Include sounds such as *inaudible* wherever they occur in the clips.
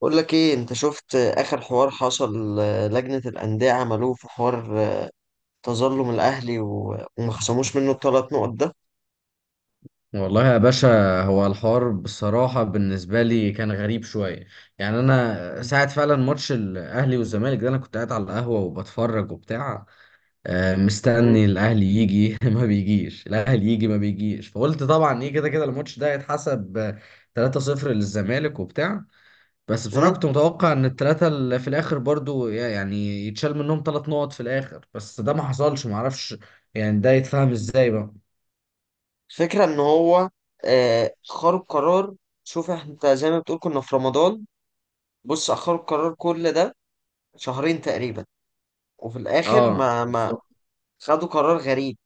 بقول لك ايه، انت شفت اخر حوار حصل؟ لجنة الأندية عملوه في حوار، تظلم الاهلي وما خصموش منه الثلاث نقط ده. والله يا باشا، هو الحوار بصراحة بالنسبة لي كان غريب شوية. يعني أنا ساعة فعلا ماتش الأهلي والزمالك ده أنا كنت قاعد على القهوة وبتفرج وبتاع. مم. مستني الأهلي يجي *laughs* ما بيجيش، الأهلي يجي ما بيجيش. فقلت طبعا إيه، كده كده الماتش ده هيتحسب 3-0 للزمالك وبتاع. بس بصراحة مم. كنت متوقع إن التلاتة اللي في الآخر برضو يعني يتشال منهم تلات نقط في الآخر، بس ده ما حصلش، معرفش. يعني ده يتفهم إزاي بقى. الفكرة ان هو اخروا القرار. شوف انت زي ما بتقول كنا في رمضان، بص اخروا القرار كل ده شهرين تقريبا، وفي الاخر اه، ما بالظبط. خدوا قرار غريب.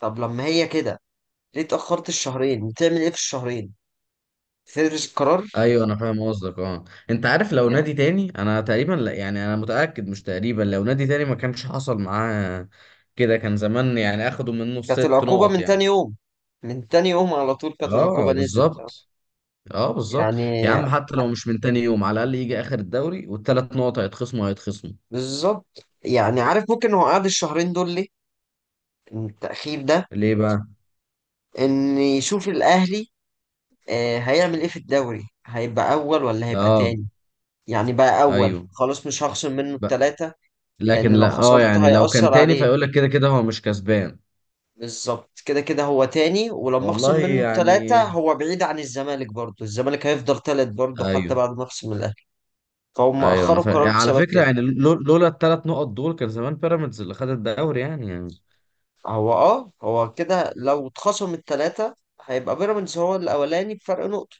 طب لما هي كده ليه اتأخرت الشهرين؟ بتعمل ايه في الشهرين؟ تدرس القرار؟ ايوه انا فاهم قصدك، اه. انت عارف لو نادي تاني انا تقريبا لا، يعني انا متاكد مش تقريبا، لو نادي تاني ما كانش حصل معاه كده. كان زمان يعني اخدوا منه كانت ست العقوبة نقط من تاني يعني. يوم، من تاني يوم على طول كانت العقوبة اه، نزلت بالظبط. اه، بالظبط. يا يعني. عم حتى لو مش من تاني يوم على الاقل يجي اخر الدوري والثلاث نقط هيتخصموا هيتخصموا. بالظبط، يعني عارف ممكن هو قعد الشهرين دول ليه؟ التأخير ده ليه بقى. إن يشوف الأهلي هيعمل إيه في الدوري، هيبقى أول ولا هيبقى اه، تاني. يعني بقى أول ايوه، خلاص مش هخصم منه بقى. التلاتة، لكن لأن لو لا، خصمت يعني لو كان هيأثر تاني عليه. فيقول لك كده كده هو مش كسبان. بالظبط، كده كده هو تاني، ولما أخصم والله منه التلاتة يعني. هو بعيد عن الزمالك، برضه الزمالك هيفضل تالت برضه حتى ايوه. بعد ما أخصم الأهلي. فهم ايوه انا أخروا فاهم، يعني القرار على بسبب فكره كده. يعني لولا الثلاث نقط دول كان زمان بيراميدز اللي خد الدوري، يعني يعني. هو كده، لو اتخصم التلاتة هيبقى بيراميدز هو الأولاني بفرق نقطة.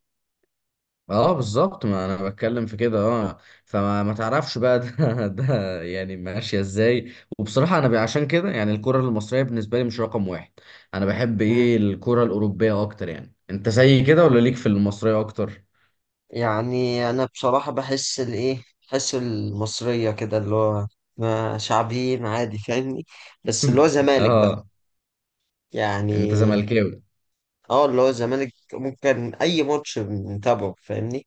اه، بالظبط، ما انا بتكلم في كده، اه. فما ما تعرفش بقى ده *laughs* ده يعني ماشيه ازاي. وبصراحه انا عشان كده يعني الكره المصريه بالنسبه لي مش رقم واحد. انا بحب مم. ايه الكره الاوروبيه اكتر، يعني انت زي كده ولا ليك في المصريه اكتر؟ يعني أنا بصراحة بحس الإيه، بحس المصرية كده اللي هو شعبيين، عادي فاهمني؟ بس اللي هو *laughs* زمالك بقى، اه. انت يعني زملكاوي؟ اه اللي هو الزمالك ممكن أي ماتش نتابعه فاهمني.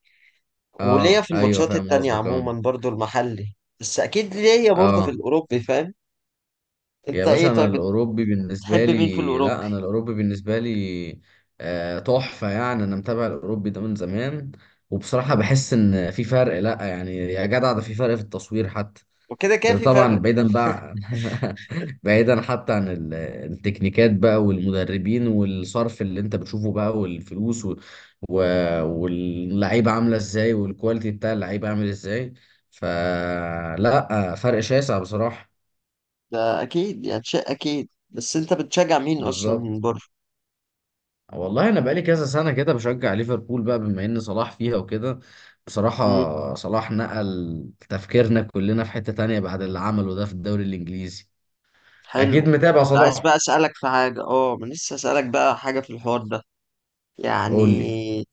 وليا اه، في ايوه الماتشات فاهم التانية قصدك، اه. عموما برضو المحلي، بس أكيد ليا برضو في اه، الأوروبي، فاهم؟ يا أنت باشا إيه انا طيب؟ الاوروبي بالنسبه بتحب مين في لي، الأوروبي؟ لا انا الاوروبي بالنسبه لي تحفه يعني. انا متابع الاوروبي ده من زمان، وبصراحه بحس ان في فرق، لا يعني يا جدع ده في فرق في التصوير حتى. وكده كده ده في طبعا فرق. بعيدا بقى. *laughs* بعيدا حتى عن التكنيكات بقى، والمدربين، والصرف اللي انت بتشوفه بقى، والفلوس و... و... واللعيبه عامله ازاي، والكواليتي بتاع اللعيبه عامل ازاي. فلا فرق شاسع بصراحه. ده اكيد يعني، شيء اكيد، بس انت بتشجع مين اصلا من بالظبط. بره؟ والله انا بقالي كذا سنه كده بشجع ليفربول بقى، بما ان صلاح فيها وكده. امم بصراحه صلاح نقل تفكيرنا كلنا في حته تانية بعد اللي عمله ده في الدوري الانجليزي. اكيد حلو، متابع كنت عايز صلاح. بقى اسالك في حاجه، ما لسه اسالك بقى حاجه في الحوار ده. قول لي. يعني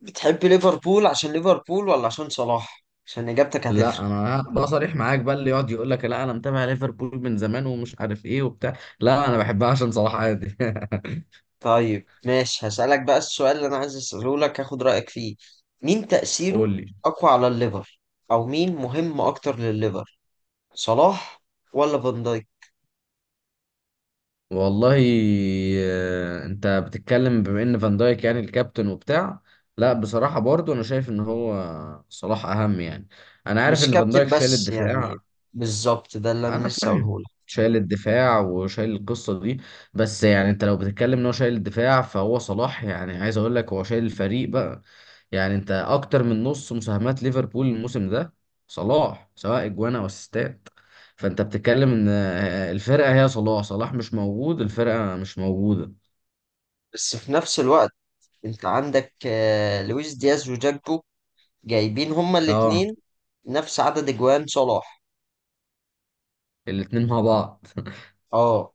بتحب ليفربول عشان ليفربول ولا عشان صلاح؟ عشان اجابتك لا هتفرق. انا بقى صريح معاك بقى، اللي يقعد يقول لك لا انا متابع ليفربول من زمان ومش عارف ايه وبتاع، لا انا بحبها عشان صلاح عادي. *laughs* طيب ماشي، هسالك بقى السؤال اللي انا عايز اساله لك هاخد رايك فيه. مين تاثيره قول لي. اقوى على الليفر، او مين مهم اكتر للليفر، صلاح ولا فان دايك؟ والله. انت بتتكلم بما ان فان دايك يعني الكابتن وبتاع. لا بصراحة برضو انا شايف ان هو صلاح اهم يعني. انا عارف مش ان فان دايك كابتن شايل بس يعني. الدفاع. بالظبط، ده اللي انا انا لسه فاهم. هقوله. شايل الدفاع وشايل القصة دي، بس يعني انت لو بتتكلم ان هو شايل الدفاع فهو صلاح يعني عايز اقول لك هو شايل الفريق بقى. يعني انت اكتر من نص مساهمات ليفربول الموسم ده صلاح، سواء اجوان او اسيستات. فانت بتتكلم ان الفرقه هي صلاح، صلاح مش موجود الفرقه مش موجوده. بس في نفس الوقت انت عندك لويس دياز وجاكبو، جايبين هما اه. الاتنين نفس عدد اجوان صلاح. الاتنين مع بعض. *laughs* اه.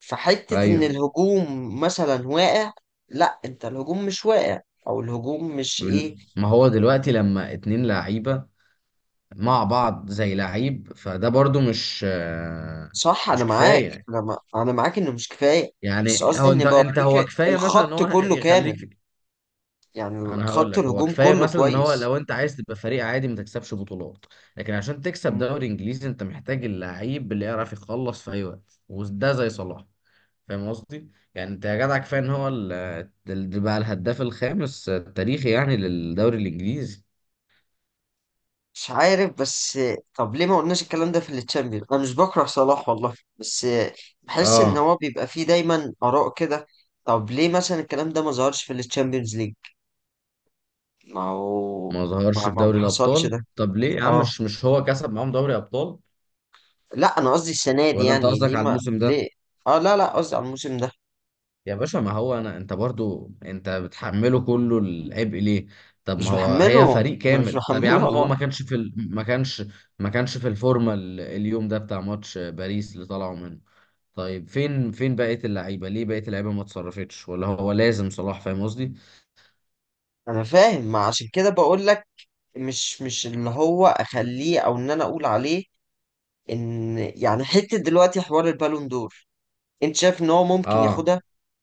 فحتة ان ايوه. الهجوم مثلا واقع، لا انت الهجوم مش واقع، او الهجوم مش ايه. ما هو دلوقتي لما اتنين لعيبه مع بعض زي لعيب فده برضو مش، صح انا مش معاك، كفايه. انا معاك انه مش كفاية. بس يعني قصدي هو انت ان انت بوريك، هو كفايه مثلا ان الخط هو كله كامل، يخليك. يعني انا هقول خط لك هو الهجوم كفايه كله مثلا ان هو كويس. لو انت عايز تبقى فريق عادي ما تكسبش بطولات. لكن عشان تكسب دوري انجليزي انت محتاج اللعيب اللي يعرف يخلص في اي وقت، وده زي صلاح. فاهم قصدي، يعني انت يا جدع كفايه ان هو بقى الهداف الخامس التاريخي يعني للدوري الانجليزي. مش عارف بس، طب ليه ما قلناش الكلام ده في التشامبيون؟ انا مش بكره صلاح والله، بس بحس ان اه، هو بيبقى فيه دايما اراء كده. طب ليه مثلا الكلام ده ما ظهرش في التشامبيونز ليج؟ ما هو ما ظهرش ما في ما ما دوري حصلش الابطال، ده. طب ليه يا عم، اه، مش هو كسب معاهم دوري ابطال. لا انا قصدي السنه دي، ولا انت يعني قصدك ليه على ما الموسم ده. ليه اه، لا لا، قصدي على الموسم ده. يا باشا ما هو انا، انت برضو انت بتحمله كله العبء ليه؟ طب مش ما هو هي بحمله، فريق مش كامل. طب يا بحمله عم هو والله. ما كانش في ما كانش، ما كانش في الفورمه اليوم ده بتاع ماتش باريس اللي طلعوا منه. طيب فين بقيه اللعيبه، ليه بقيه اللعيبه ما اتصرفتش ولا هو لازم صلاح؟ فاهم قصدي. انا فاهم، ما عشان كده بقول لك. مش اللي هو اخليه او ان انا اقول عليه، ان يعني حته دلوقتي حوار البالون دور. انت شايف ان هو ممكن اه، ياخدها؟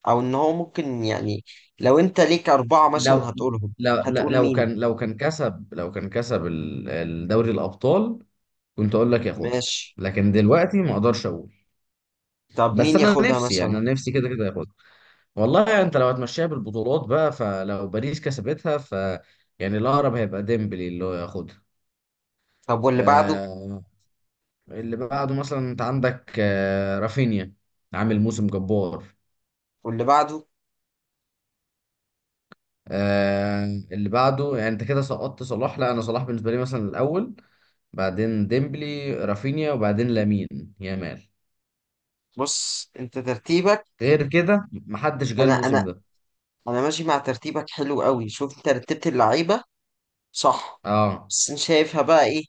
او ان هو ممكن يعني، لو انت ليك اربعة مثلا لو هتقولهم، لو لا- هتقول مين؟ لو كان كسب الدوري الابطال كنت اقول لك ياخدها. ماشي. لكن دلوقتي ما اقدرش اقول. طب بس مين انا ياخدها نفسي يعني مثلا؟ انا نفسي كده كده ياخدها. والله يعني انت لو هتمشيها بالبطولات بقى فلو باريس كسبتها ف... يعني الاقرب هيبقى ديمبلي اللي هو ياخدها. طب واللي بعده؟ آه اللي بعده مثلا انت عندك رافينيا، عامل موسم جبار. واللي بعده؟ آه اللي بعده يعني، انت كده سقطت صلاح، لا انا صلاح بالنسبه لي مثلا الاول، بعدين ديمبلي رافينيا وبعدين لامين يامال، بص انت ترتيبك، غير كده محدش جه انا انا الموسم ده. انا ماشي مع ترتيبك، حلو قوي. شوف انت رتبت اللعيبة صح؟ اه، بس انا شايفها بقى ايه،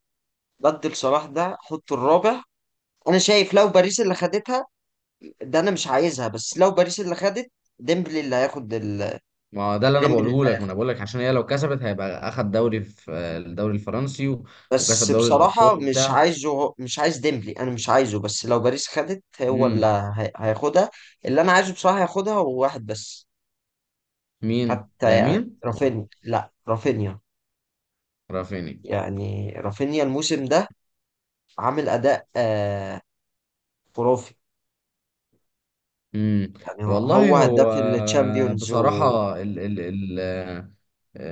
بدل صلاح ده حط الرابع. انا شايف لو باريس اللي خدتها، ده انا مش عايزها، بس لو باريس اللي خدت ديمبلي اللي هياخد ما هو ده اللي انا ديمبلي. بقوله لك، ما انا بقول لك عشان هي لو كسبت هيبقى اخد دوري في الدوري الفرنسي وكسب بس دوري الابطال بصراحة، وبتاع. مش عايز ديمبلي، أنا مش عايزه. بس لو باريس خدت هو اللي امم. هياخدها. اللي أنا عايزه بصراحة هياخدها هو واحد بس. مين، حتى يعني لامين؟ رافينيا، لا رافينيا، رافيني. يعني رافينيا الموسم ده عامل أداء خرافي. امم. يعني هو والله هداف هو، الشامبيونز، ومن بصراحة ال ال ال آه،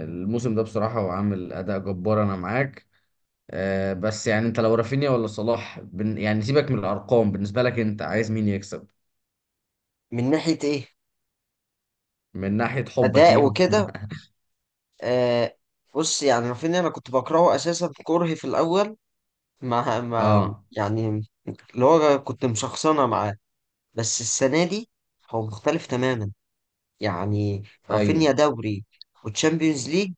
الموسم ده بصراحة هو عامل اداء جبار، انا معاك. بس يعني انت لو رافينيا ولا صلاح، بن يعني سيبك من الارقام، بالنسبة لك انت عايز مين يكسب. ناحية إيه؟ من ناحية حبك أداء ليهم. وكده *laughs* آه بص. يعني رافينيا، أنا كنت بكرهه أساسا، كرهي في الأول ما اه، يعني اللي هو كنت مشخصنة معاه. بس السنة دي هو مختلف تماما، يعني ايوه. رافينيا دوري وتشامبيونز ليج،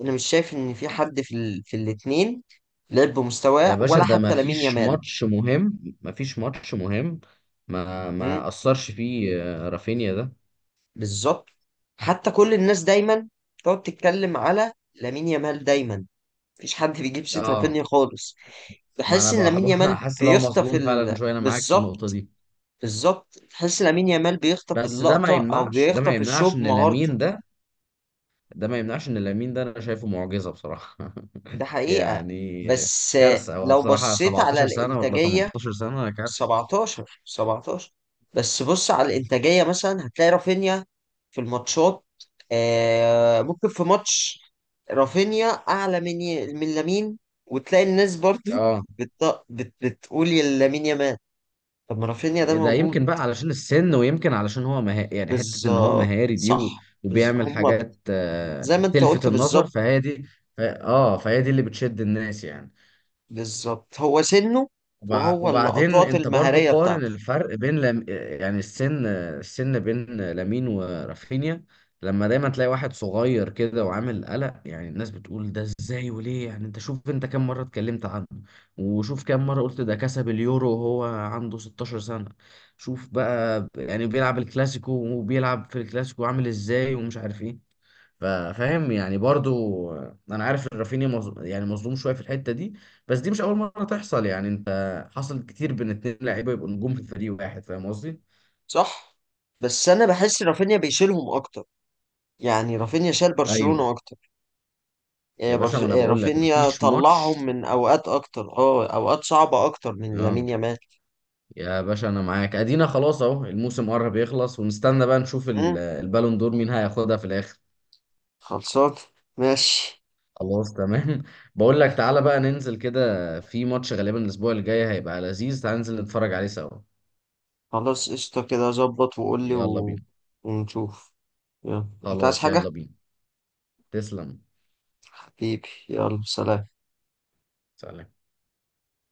انا مش شايف ان في حد في في الاتنين لعب يا بمستواه، باشا ولا ده ما حتى لامين فيش يامال. ماتش مهم، ما فيش ماتش مهم ما مم، ما اثرش فيه رافينيا ده. بالظبط. حتى كل الناس دايما تقعد تتكلم على لامين يامال دايما، مفيش حد بيجيب سيرة رافينيا اه، خالص. ما انا بحس ان لامين بحب. *laughs* يامال حاسس ان هو بيخطف مظلوم فعلا شويه، انا معاك في النقطه بالظبط. دي. بالظبط، بحس لامين يامال بيخطف بس ده ما اللقطة او يمنعش، ده ما بيخطف يمنعش الشوط ان بمهارته. لامين ده، ده ما يمنعش ان لامين ده انا شايفه معجزه بصراحه. ده *laughs* حقيقة. يعني بس كارثه هو لو بصراحه، بصيت على 17 سنه ولا الإنتاجية، 18 سنه، كارثه. 17، 17. بس بص على الإنتاجية مثلا، هتلاقي رافينيا في الماتشات، ممكن في ماتش رافينيا أعلى من من لامين. وتلاقي الناس برضو اه، بتقول يا لامين يامال، طب ما رافينيا ده ده موجود. يمكن بقى علشان السن، ويمكن علشان هو يعني حتة ان هو بالظبط مهاري دي و... صح، وبيعمل حاجات زي ما أنت تلفت قلت، النظر بالظبط. فهي دي. ف... اه فهي دي اللي بتشد الناس يعني. بالظبط هو سنه، وهو وبعدين اللقطات انت برضو المهارية قارن بتاعته. الفرق بين لم... يعني السن بين لامين ورافينيا. لما دايما تلاقي واحد صغير كده وعامل قلق يعني، الناس بتقول ده ازاي وليه، يعني انت شوف، انت كم مرة اتكلمت عنه، وشوف كم مرة قلت ده كسب اليورو وهو عنده 16 سنة، شوف بقى يعني بيلعب الكلاسيكو وبيلعب في الكلاسيكو عامل ازاي ومش عارف ايه. فاهم يعني برضو. انا عارف ان رافينيا يعني مظلوم شويه في الحته دي، بس دي مش اول مره تحصل، يعني انت حصل كتير بين اتنين لعيبه يبقوا نجوم في فريق واحد. فاهم قصدي. صح. بس انا بحس رافينيا بيشيلهم اكتر، يعني رافينيا شال ايوه. برشلونة اكتر. آه، يا باشا برش... ما انا آه، بقول لك رافينيا مفيش طلعهم ماتش. من اوقات اكتر، اوقات صعبة اكتر من اه. لامين يامال. يا باشا انا معاك، ادينا خلاص اهو الموسم قرب يخلص، ونستنى بقى نشوف مم، البالون دور مين هياخدها في الاخر. خلصان ماشي. خلاص تمام. *laughs* بقول لك تعالى بقى ننزل كده في ماتش غالبا الاسبوع الجاي هيبقى لذيذ، تعالى ننزل نتفرج عليه سوا. خلاص قشطة كده، ظبط وقول لي يلا بينا. ونشوف. يلا، انت عايز خلاص حاجة؟ يلا بينا. تسلم. حبيبي يلا سلام. سلام.